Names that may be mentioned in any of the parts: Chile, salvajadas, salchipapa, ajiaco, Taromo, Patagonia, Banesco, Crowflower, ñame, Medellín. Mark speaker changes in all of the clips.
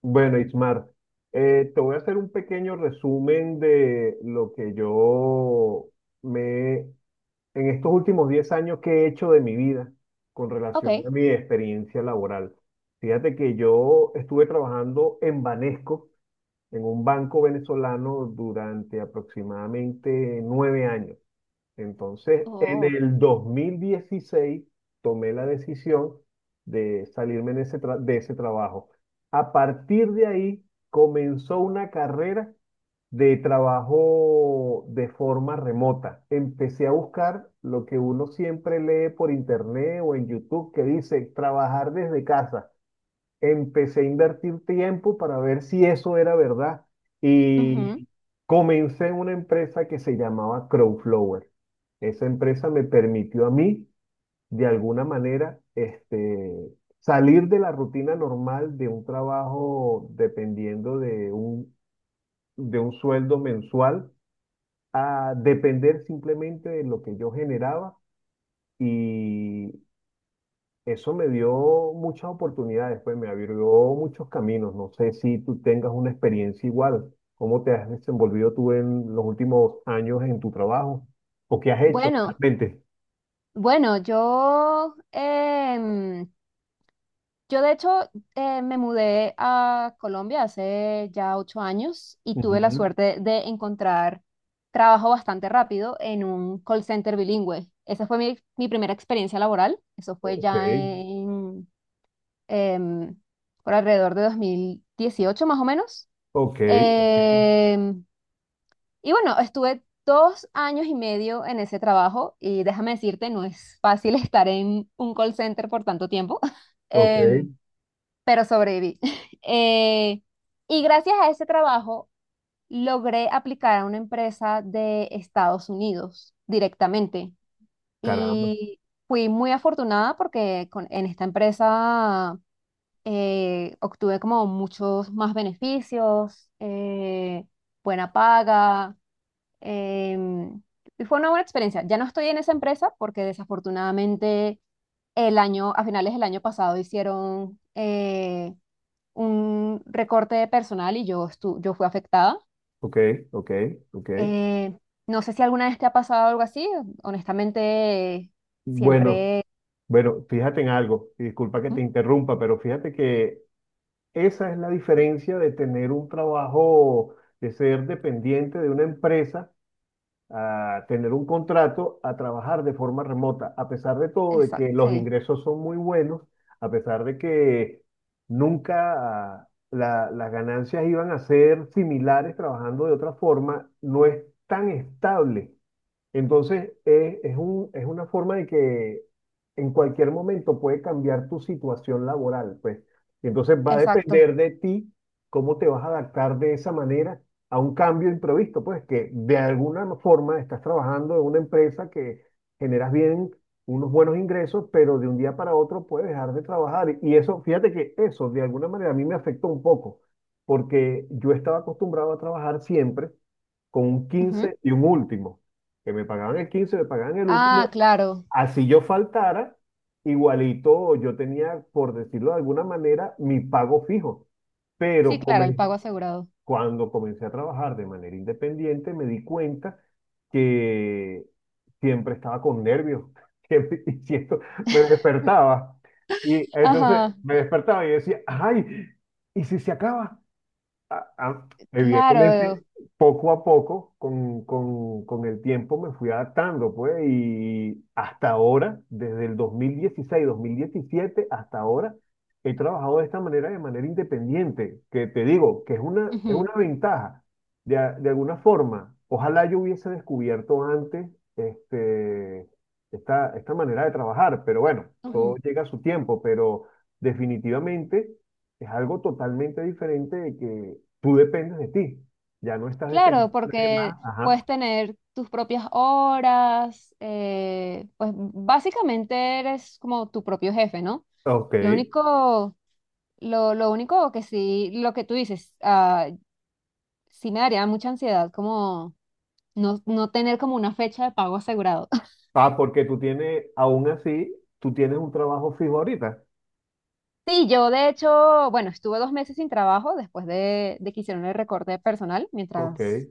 Speaker 1: Bueno, Ismar, te voy a hacer un pequeño resumen de lo que yo me, en estos últimos 10 años que he hecho de mi vida con relación a
Speaker 2: Ok.
Speaker 1: mi experiencia laboral. Fíjate que yo estuve trabajando en Banesco, en un banco venezolano, durante aproximadamente nueve años. Entonces, en
Speaker 2: Oh.
Speaker 1: el 2016 tomé la decisión de salirme de de ese trabajo. A partir de ahí comenzó una carrera de trabajo de forma remota. Empecé a buscar lo que uno siempre lee por internet o en YouTube que dice trabajar desde casa, empecé a invertir tiempo para ver si eso era verdad
Speaker 2: ujú.
Speaker 1: y comencé una empresa que se llamaba Crowflower. Esa empresa me permitió a mí, de alguna manera, salir de la rutina normal de un trabajo dependiendo de un sueldo mensual a depender simplemente de lo que yo generaba, y eso me dio muchas oportunidades, pues me abrió muchos caminos. No sé si tú tengas una experiencia igual. ¿Cómo te has desenvolvido tú en los últimos años en tu trabajo? ¿O qué has hecho
Speaker 2: Bueno,
Speaker 1: realmente?
Speaker 2: bueno, yo, em, yo de hecho me mudé a Colombia hace ya 8 años y tuve la
Speaker 1: Ujú.
Speaker 2: suerte de encontrar trabajo bastante rápido en un call center bilingüe. Esa fue mi primera experiencia laboral. Eso fue
Speaker 1: Ok,
Speaker 2: ya em, por alrededor de 2018 más o menos.
Speaker 1: ok, ok,
Speaker 2: Em, Y bueno, estuve 2 años y medio en ese trabajo y déjame decirte, no es fácil estar en un call center por tanto tiempo,
Speaker 1: ok.
Speaker 2: em, pero sobreviví. Eh, y gracias a ese trabajo logré aplicar a una empresa de Estados Unidos directamente.
Speaker 1: Caramba.
Speaker 2: Y fui muy afortunada porque en esta empresa obtuve como muchos más beneficios, buena paga. Em, y fue una buena experiencia. Ya no estoy en esa empresa porque desafortunadamente a finales del año pasado hicieron un recorte de personal yo fui afectada.
Speaker 1: Ok, ok, ok.
Speaker 2: Eh, no sé si alguna vez te ha pasado algo así. Honestamente,
Speaker 1: Bueno,
Speaker 2: siempre...
Speaker 1: bueno, fíjate en algo. Y disculpa que te interrumpa, pero fíjate que esa es la diferencia de tener un trabajo, de ser dependiente de una empresa, a tener un contrato, a trabajar de forma remota, a pesar de todo, de
Speaker 2: Exacto,
Speaker 1: que los
Speaker 2: sí,
Speaker 1: ingresos son muy buenos, a pesar de que nunca las ganancias iban a ser similares trabajando de otra forma, no es tan estable. Entonces, es una forma de que en cualquier momento puede cambiar tu situación laboral, pues. Y entonces va a
Speaker 2: exacto.
Speaker 1: depender de ti cómo te vas a adaptar de esa manera a un cambio imprevisto, pues, que de alguna forma estás trabajando en una empresa que generas bien unos buenos ingresos, pero de un día para otro puedes dejar de trabajar. Y eso, fíjate que eso de alguna manera a mí me afectó un poco, porque yo estaba acostumbrado a trabajar siempre con un
Speaker 2: Ujú.
Speaker 1: quince y un último, que me pagaban el quince, me pagaban el
Speaker 2: Ah,
Speaker 1: último,
Speaker 2: claro.
Speaker 1: así yo faltara, igualito yo tenía, por decirlo de alguna manera, mi pago fijo.
Speaker 2: Sí,
Speaker 1: Pero
Speaker 2: claro, el pago
Speaker 1: comen-
Speaker 2: asegurado.
Speaker 1: Cuando comencé a trabajar de manera independiente, me di cuenta que siempre estaba con nervios, siempre, me despertaba. Y entonces
Speaker 2: Ajá,
Speaker 1: me despertaba y decía, ay, ¿y si se acaba? Evidentemente,
Speaker 2: claro.
Speaker 1: poco a poco, con el tiempo me fui adaptando, pues, y hasta ahora, desde el dos mil dieciséis 2017 hasta ahora, he trabajado de esta manera, de manera independiente, que te digo, que es
Speaker 2: Ujú,
Speaker 1: una ventaja, de alguna forma. Ojalá yo hubiese descubierto antes este, esta manera de trabajar, pero bueno, todo
Speaker 2: ujú.
Speaker 1: llega a su tiempo, pero definitivamente... Es algo totalmente diferente. Tú dependes de ti. Ya no estás
Speaker 2: Claro,
Speaker 1: dependiendo de nadie
Speaker 2: porque
Speaker 1: más.
Speaker 2: puedes
Speaker 1: Ajá.
Speaker 2: tener tus propias horas, pues básicamente eres como tu propio jefe, ¿no?
Speaker 1: Ok.
Speaker 2: Lo único, lo único que sí, lo que tú dices, sí me daría mucha ansiedad como no, no tener como una fecha de pago asegurado.
Speaker 1: Ah, porque tú tienes, aún así, tú tienes un trabajo fijo ahorita.
Speaker 2: Sí, yo de hecho, bueno, estuve 2 meses sin trabajo después de que hicieron el recorte personal
Speaker 1: Ok.
Speaker 2: mientras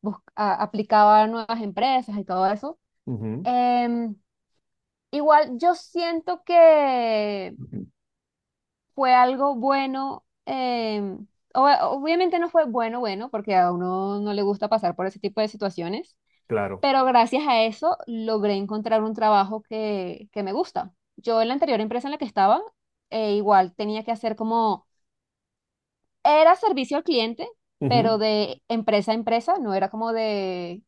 Speaker 2: aplicaba a nuevas empresas y todo eso.
Speaker 1: Ujú.
Speaker 2: Em, Igual yo siento que
Speaker 1: Ujú.
Speaker 2: fue algo bueno, obviamente no fue bueno, bueno, porque a uno no le gusta pasar por ese tipo de situaciones,
Speaker 1: Claro.
Speaker 2: pero gracias a eso logré encontrar un trabajo que me gusta. Yo en la anterior empresa en la que estaba, igual tenía que hacer como, era servicio al cliente, pero
Speaker 1: Ujú.
Speaker 2: de empresa a empresa, no era como de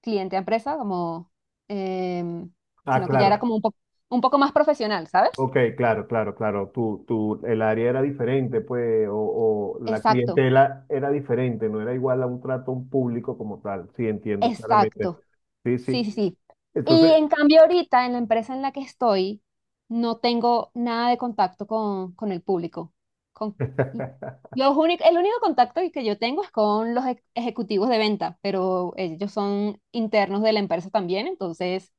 Speaker 2: cliente a empresa, em,
Speaker 1: Ah,
Speaker 2: sino que ya era
Speaker 1: claro.
Speaker 2: como un poco más profesional, ¿sabes?
Speaker 1: Ok, claro, claro, claro. El área era diferente, pues, o la
Speaker 2: Exacto.
Speaker 1: clientela era diferente, no era igual a un trato a un público como tal. Sí, entiendo claramente.
Speaker 2: Exacto,
Speaker 1: Sí,
Speaker 2: sí,
Speaker 1: sí.
Speaker 2: sí, sí. Y
Speaker 1: Entonces,
Speaker 2: en cambio ahorita en la empresa en la que estoy, no tengo nada de contacto con el público. Con, el único contacto que yo tengo es con los ejecutivos de venta, pero ellos son internos de la empresa también, entonces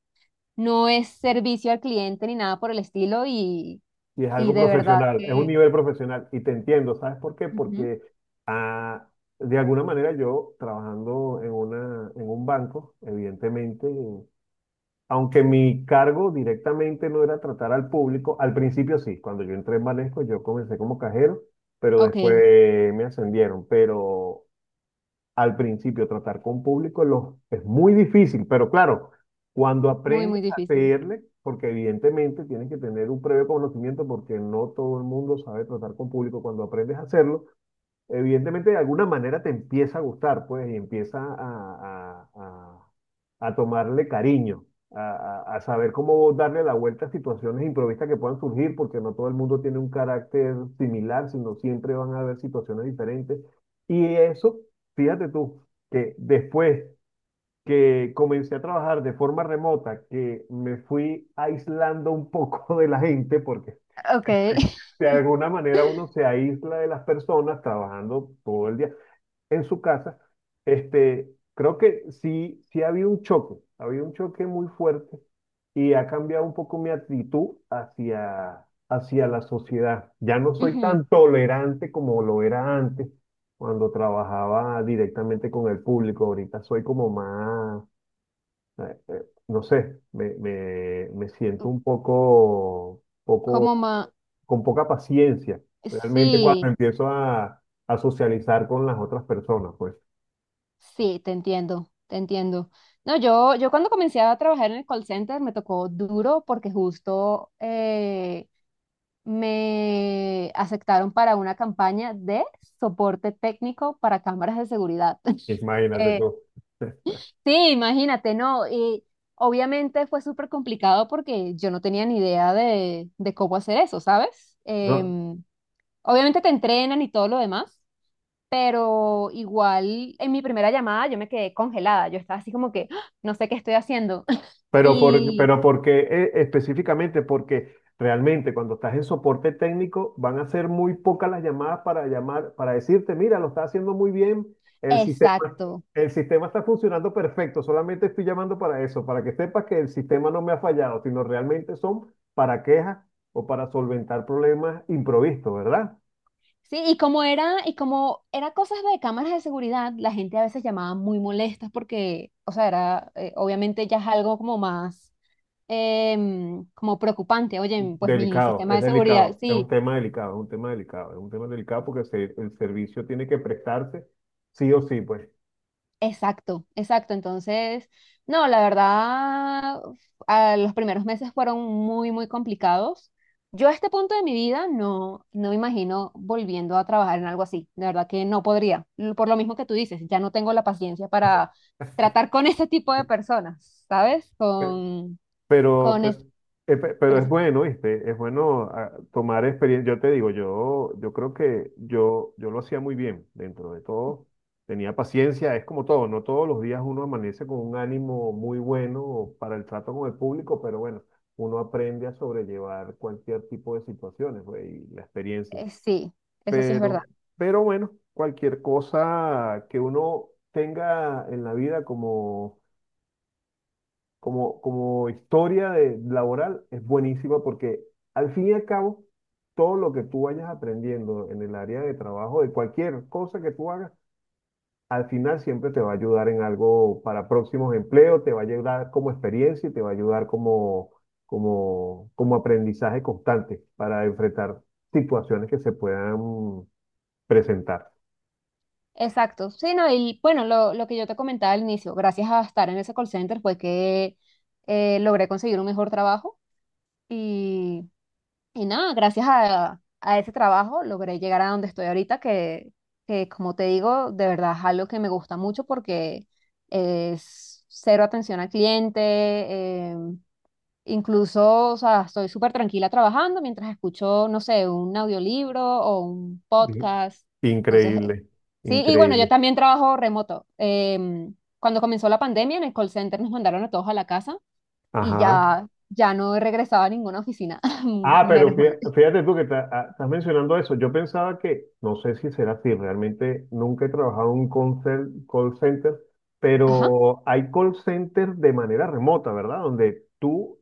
Speaker 2: no es servicio al cliente ni nada por el estilo
Speaker 1: y es
Speaker 2: y
Speaker 1: algo
Speaker 2: de verdad
Speaker 1: profesional, es un
Speaker 2: que...
Speaker 1: nivel profesional. Y te entiendo, ¿sabes por qué?
Speaker 2: Ujú.
Speaker 1: Porque ah, de alguna manera yo trabajando en un banco, evidentemente, aunque mi cargo directamente no era tratar al público, al principio sí, cuando yo entré en Banesco yo comencé como cajero, pero
Speaker 2: Ok,
Speaker 1: después me ascendieron. Pero al principio tratar con público, es muy difícil, pero claro, cuando
Speaker 2: muy, muy
Speaker 1: aprendes a
Speaker 2: difícil.
Speaker 1: hacerle, porque evidentemente tienes que tener un previo conocimiento porque no todo el mundo sabe tratar con público, cuando aprendes a hacerlo, evidentemente de alguna manera te empieza a gustar, pues, y empieza a tomarle cariño, a saber cómo darle la vuelta a situaciones improvistas que puedan surgir, porque no todo el mundo tiene un carácter similar, sino siempre van a haber situaciones diferentes. Y eso, fíjate tú, que después que comencé a trabajar de forma remota, que me fui aislando un poco de la gente, porque
Speaker 2: Ok.
Speaker 1: de alguna manera uno se aísla de las personas trabajando todo el día en su casa, creo que sí, sí ha habido un choque, ha habido un choque muy fuerte y ha cambiado un poco mi actitud hacia, hacia la sociedad. Ya no soy
Speaker 2: Ujú.
Speaker 1: tan tolerante como lo era antes, cuando trabajaba directamente con el público. Ahorita soy como más, eh, eh, no sé, me siento un poco, poco,
Speaker 2: Como más...
Speaker 1: con poca paciencia, realmente cuando
Speaker 2: Sí.
Speaker 1: empiezo a socializar con las otras personas, pues.
Speaker 2: Sí, te entiendo, te entiendo. No, yo cuando comencé a trabajar en el call center me tocó duro porque justo me aceptaron para una campaña de soporte técnico para cámaras de seguridad.
Speaker 1: Imagínate
Speaker 2: Eh,
Speaker 1: tú.
Speaker 2: Sí, imagínate, ¿no? Y obviamente fue súper complicado porque yo no tenía ni idea de cómo hacer eso, ¿sabes?
Speaker 1: ¿No?
Speaker 2: Em, obviamente te entrenan y todo lo demás, pero igual en mi primera llamada yo me quedé congelada, yo estaba así como que, "Ah, no sé qué estoy haciendo." Y
Speaker 1: Pero porque específicamente, porque realmente cuando estás en soporte técnico van a ser muy pocas las llamadas para llamar, para decirte, mira, lo está haciendo muy bien, el sistema,
Speaker 2: exacto.
Speaker 1: el sistema está funcionando perfecto, solamente estoy llamando para eso, para que sepas que el sistema no me ha fallado, sino realmente son para quejas o para solventar problemas improvistos, ¿verdad?
Speaker 2: Sí, y como era cosas de cámaras de seguridad, la gente a veces llamaba muy molestas porque, o sea, obviamente ya es algo como más, como preocupante. Oye, pues mi sistema de seguridad,
Speaker 1: Delicado, es un
Speaker 2: sí.
Speaker 1: tema delicado, es un tema delicado, es un tema delicado porque el servicio tiene que prestarse sí o sí, pues.
Speaker 2: Exacto, exacto. Entonces, no, la verdad, a los primeros meses fueron muy, muy complicados. Yo a este punto de mi vida no, no me imagino volviendo a trabajar en algo así. De verdad que no podría. L- Por lo mismo que tú dices, ya no tengo la paciencia para tratar con ese tipo de personas, ¿sabes?
Speaker 1: Pe- Pero,
Speaker 2: Con,
Speaker 1: pe-
Speaker 2: es-
Speaker 1: pero
Speaker 2: con
Speaker 1: es
Speaker 2: ese-
Speaker 1: bueno, ¿viste? Es bueno, tomar experiencia. Yo te digo, yo creo que yo lo hacía muy bien dentro de todo. Tenía paciencia, es como todo, no todos los días uno amanece con un ánimo muy bueno para el trato con el público, pero bueno, uno aprende a sobrellevar cualquier tipo de situaciones, pues, y la experiencia.
Speaker 2: sí, eso sí es verdad.
Speaker 1: Pero, pero bueno, cualquier cosa que uno tenga en la vida como, como historia laboral es buenísima porque al fin y al cabo, todo lo que tú vayas aprendiendo en el área de trabajo, de cualquier cosa que tú hagas, al final siempre te va a ayudar en algo para próximos empleos, te va a ayudar como experiencia y te va a ayudar como aprendizaje constante para enfrentar situaciones que se puedan presentar.
Speaker 2: Exacto. Sí, no, y bueno, lo que yo te comentaba al inicio, gracias a estar en ese call center fue que logré conseguir un mejor trabajo. Y, y nada, gracias a ese trabajo logré llegar a donde estoy ahorita, que como te digo, de verdad es algo que me gusta mucho porque es cero atención al cliente, incluso, o sea, estoy súper tranquila trabajando mientras escucho, no sé, un audiolibro o un
Speaker 1: I-
Speaker 2: podcast. Entonces,
Speaker 1: Increíble,
Speaker 2: sí, y bueno, yo
Speaker 1: increíble.
Speaker 2: también trabajo remoto. Cuando comenzó la pandemia, en el call center nos mandaron a todos a la casa y
Speaker 1: Ajá.
Speaker 2: ya, ya no regresaba a ninguna oficina,
Speaker 1: Ah, pero
Speaker 2: menos mal.
Speaker 1: fíjate tú que estás mencionando eso. Yo pensaba que, no sé si será así, realmente nunca he trabajado en un call center,
Speaker 2: Ajá.
Speaker 1: pero hay call centers de manera remota, ¿verdad? Donde tú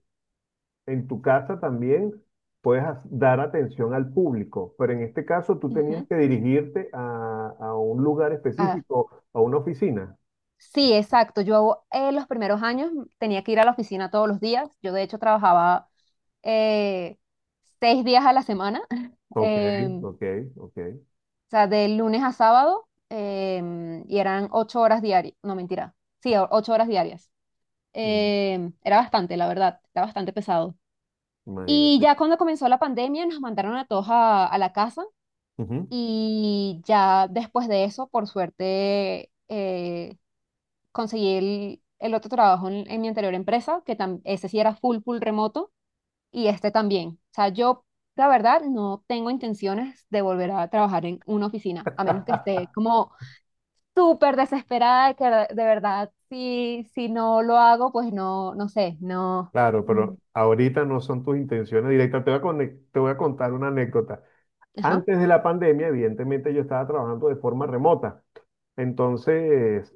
Speaker 1: en tu casa también puedes dar atención al público, pero en este caso tú tenías
Speaker 2: Ujú.
Speaker 1: que dirigirte a un lugar
Speaker 2: Ah,
Speaker 1: específico, a una oficina.
Speaker 2: sí, exacto. Yo los primeros años tenía que ir a la oficina todos los días. Yo de hecho trabajaba eh, 6 días a la semana,
Speaker 1: Ok,
Speaker 2: o
Speaker 1: ok, ok.
Speaker 2: sea, de lunes a sábado, y eran 8 horas diarias. No, mentira. Sí, 8 horas diarias.
Speaker 1: Mm,
Speaker 2: Era bastante, la verdad, era bastante pesado. Y
Speaker 1: imagínate.
Speaker 2: ya cuando comenzó la pandemia nos mandaron a todos a la casa. Y ya después de eso, por suerte, conseguí el otro trabajo en mi anterior empresa, ese sí era full, full remoto, y este también. O sea, yo, la verdad, no tengo intenciones de volver a trabajar en una oficina, a menos que esté como súper desesperada, de que de verdad, si, si no lo hago, pues no, no sé, no.
Speaker 1: Claro,
Speaker 2: Mm,
Speaker 1: pero ahorita no son tus intenciones directas. Te voy a contar una anécdota.
Speaker 2: ajá.
Speaker 1: Antes de la pandemia, evidentemente yo estaba trabajando de forma remota. Entonces,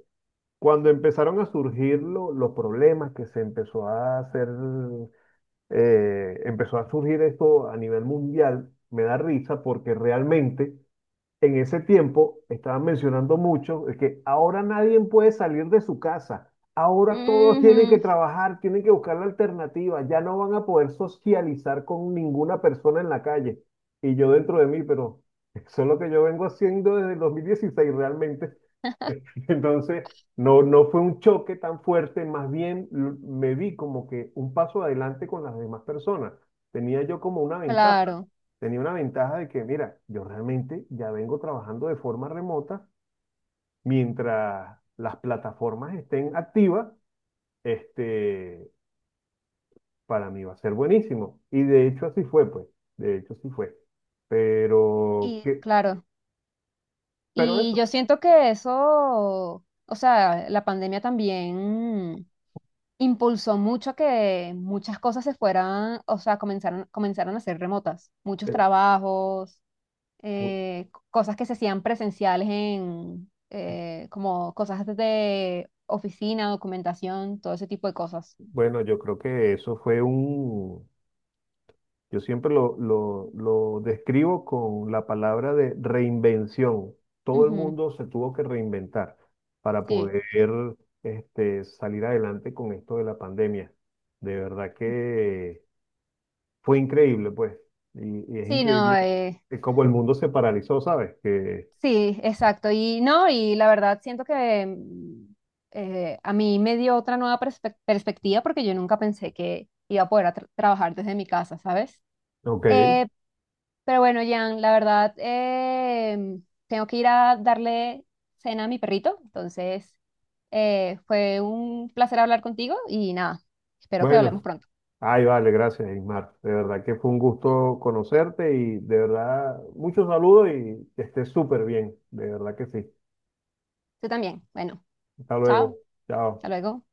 Speaker 1: cuando empezaron a surgir los problemas que se empezó a hacer, empezó a surgir esto a nivel mundial, me da risa porque realmente en ese tiempo estaban mencionando mucho es que ahora nadie puede salir de su casa. Ahora todos tienen que
Speaker 2: Ujú,
Speaker 1: trabajar, tienen que buscar la alternativa. Ya no van a poder socializar con ninguna persona en la calle. Y yo dentro de mí, pero eso es lo que yo vengo haciendo desde el 2016 realmente. Entonces, no, no fue un choque tan fuerte, más bien me vi como que un paso adelante con las demás personas. Tenía yo como una ventaja.
Speaker 2: claro.
Speaker 1: Tenía una ventaja de que, mira, yo realmente ya vengo trabajando de forma remota. Mientras las plataformas estén activas, este, para mí va a ser buenísimo. Y de hecho así fue, pues. De hecho así fue. Pero,
Speaker 2: Y
Speaker 1: que,
Speaker 2: claro.
Speaker 1: pero
Speaker 2: Y
Speaker 1: eso,
Speaker 2: yo siento que eso, o sea, la pandemia también impulsó mucho a que muchas cosas se fueran, o sea, comenzaron, comenzaron a ser remotas. Muchos
Speaker 1: eh,
Speaker 2: trabajos,
Speaker 1: bu-
Speaker 2: cosas que se hacían presenciales como cosas de oficina, documentación, todo ese tipo de cosas.
Speaker 1: bueno, yo creo que yo siempre lo describo con la palabra de reinvención. Todo el
Speaker 2: Ujú,
Speaker 1: mundo se tuvo que reinventar para
Speaker 2: sí,
Speaker 1: poder salir adelante con esto de la pandemia. De verdad que fue increíble, pues. Y es
Speaker 2: sí, no,
Speaker 1: increíble
Speaker 2: eh,
Speaker 1: cómo el mundo se paralizó, ¿sabes? Que,
Speaker 2: sí, exacto. Y no, y la verdad siento que a mí me dio otra nueva perspectiva porque yo nunca pensé que iba a poder a trabajar desde mi casa, ¿sabes?
Speaker 1: ok,
Speaker 2: Eh, pero bueno, Jan, la verdad, tengo que ir a darle cena a mi perrito. Entonces, fue un placer hablar contigo y nada, espero que hablemos
Speaker 1: bueno.
Speaker 2: pronto.
Speaker 1: Ay, vale, gracias, Ismar. De verdad que fue un gusto conocerte y de verdad, muchos saludos y que estés súper bien. De verdad que sí.
Speaker 2: Tú también. Bueno,
Speaker 1: Hasta
Speaker 2: chao.
Speaker 1: luego.
Speaker 2: Hasta
Speaker 1: Chao.
Speaker 2: luego.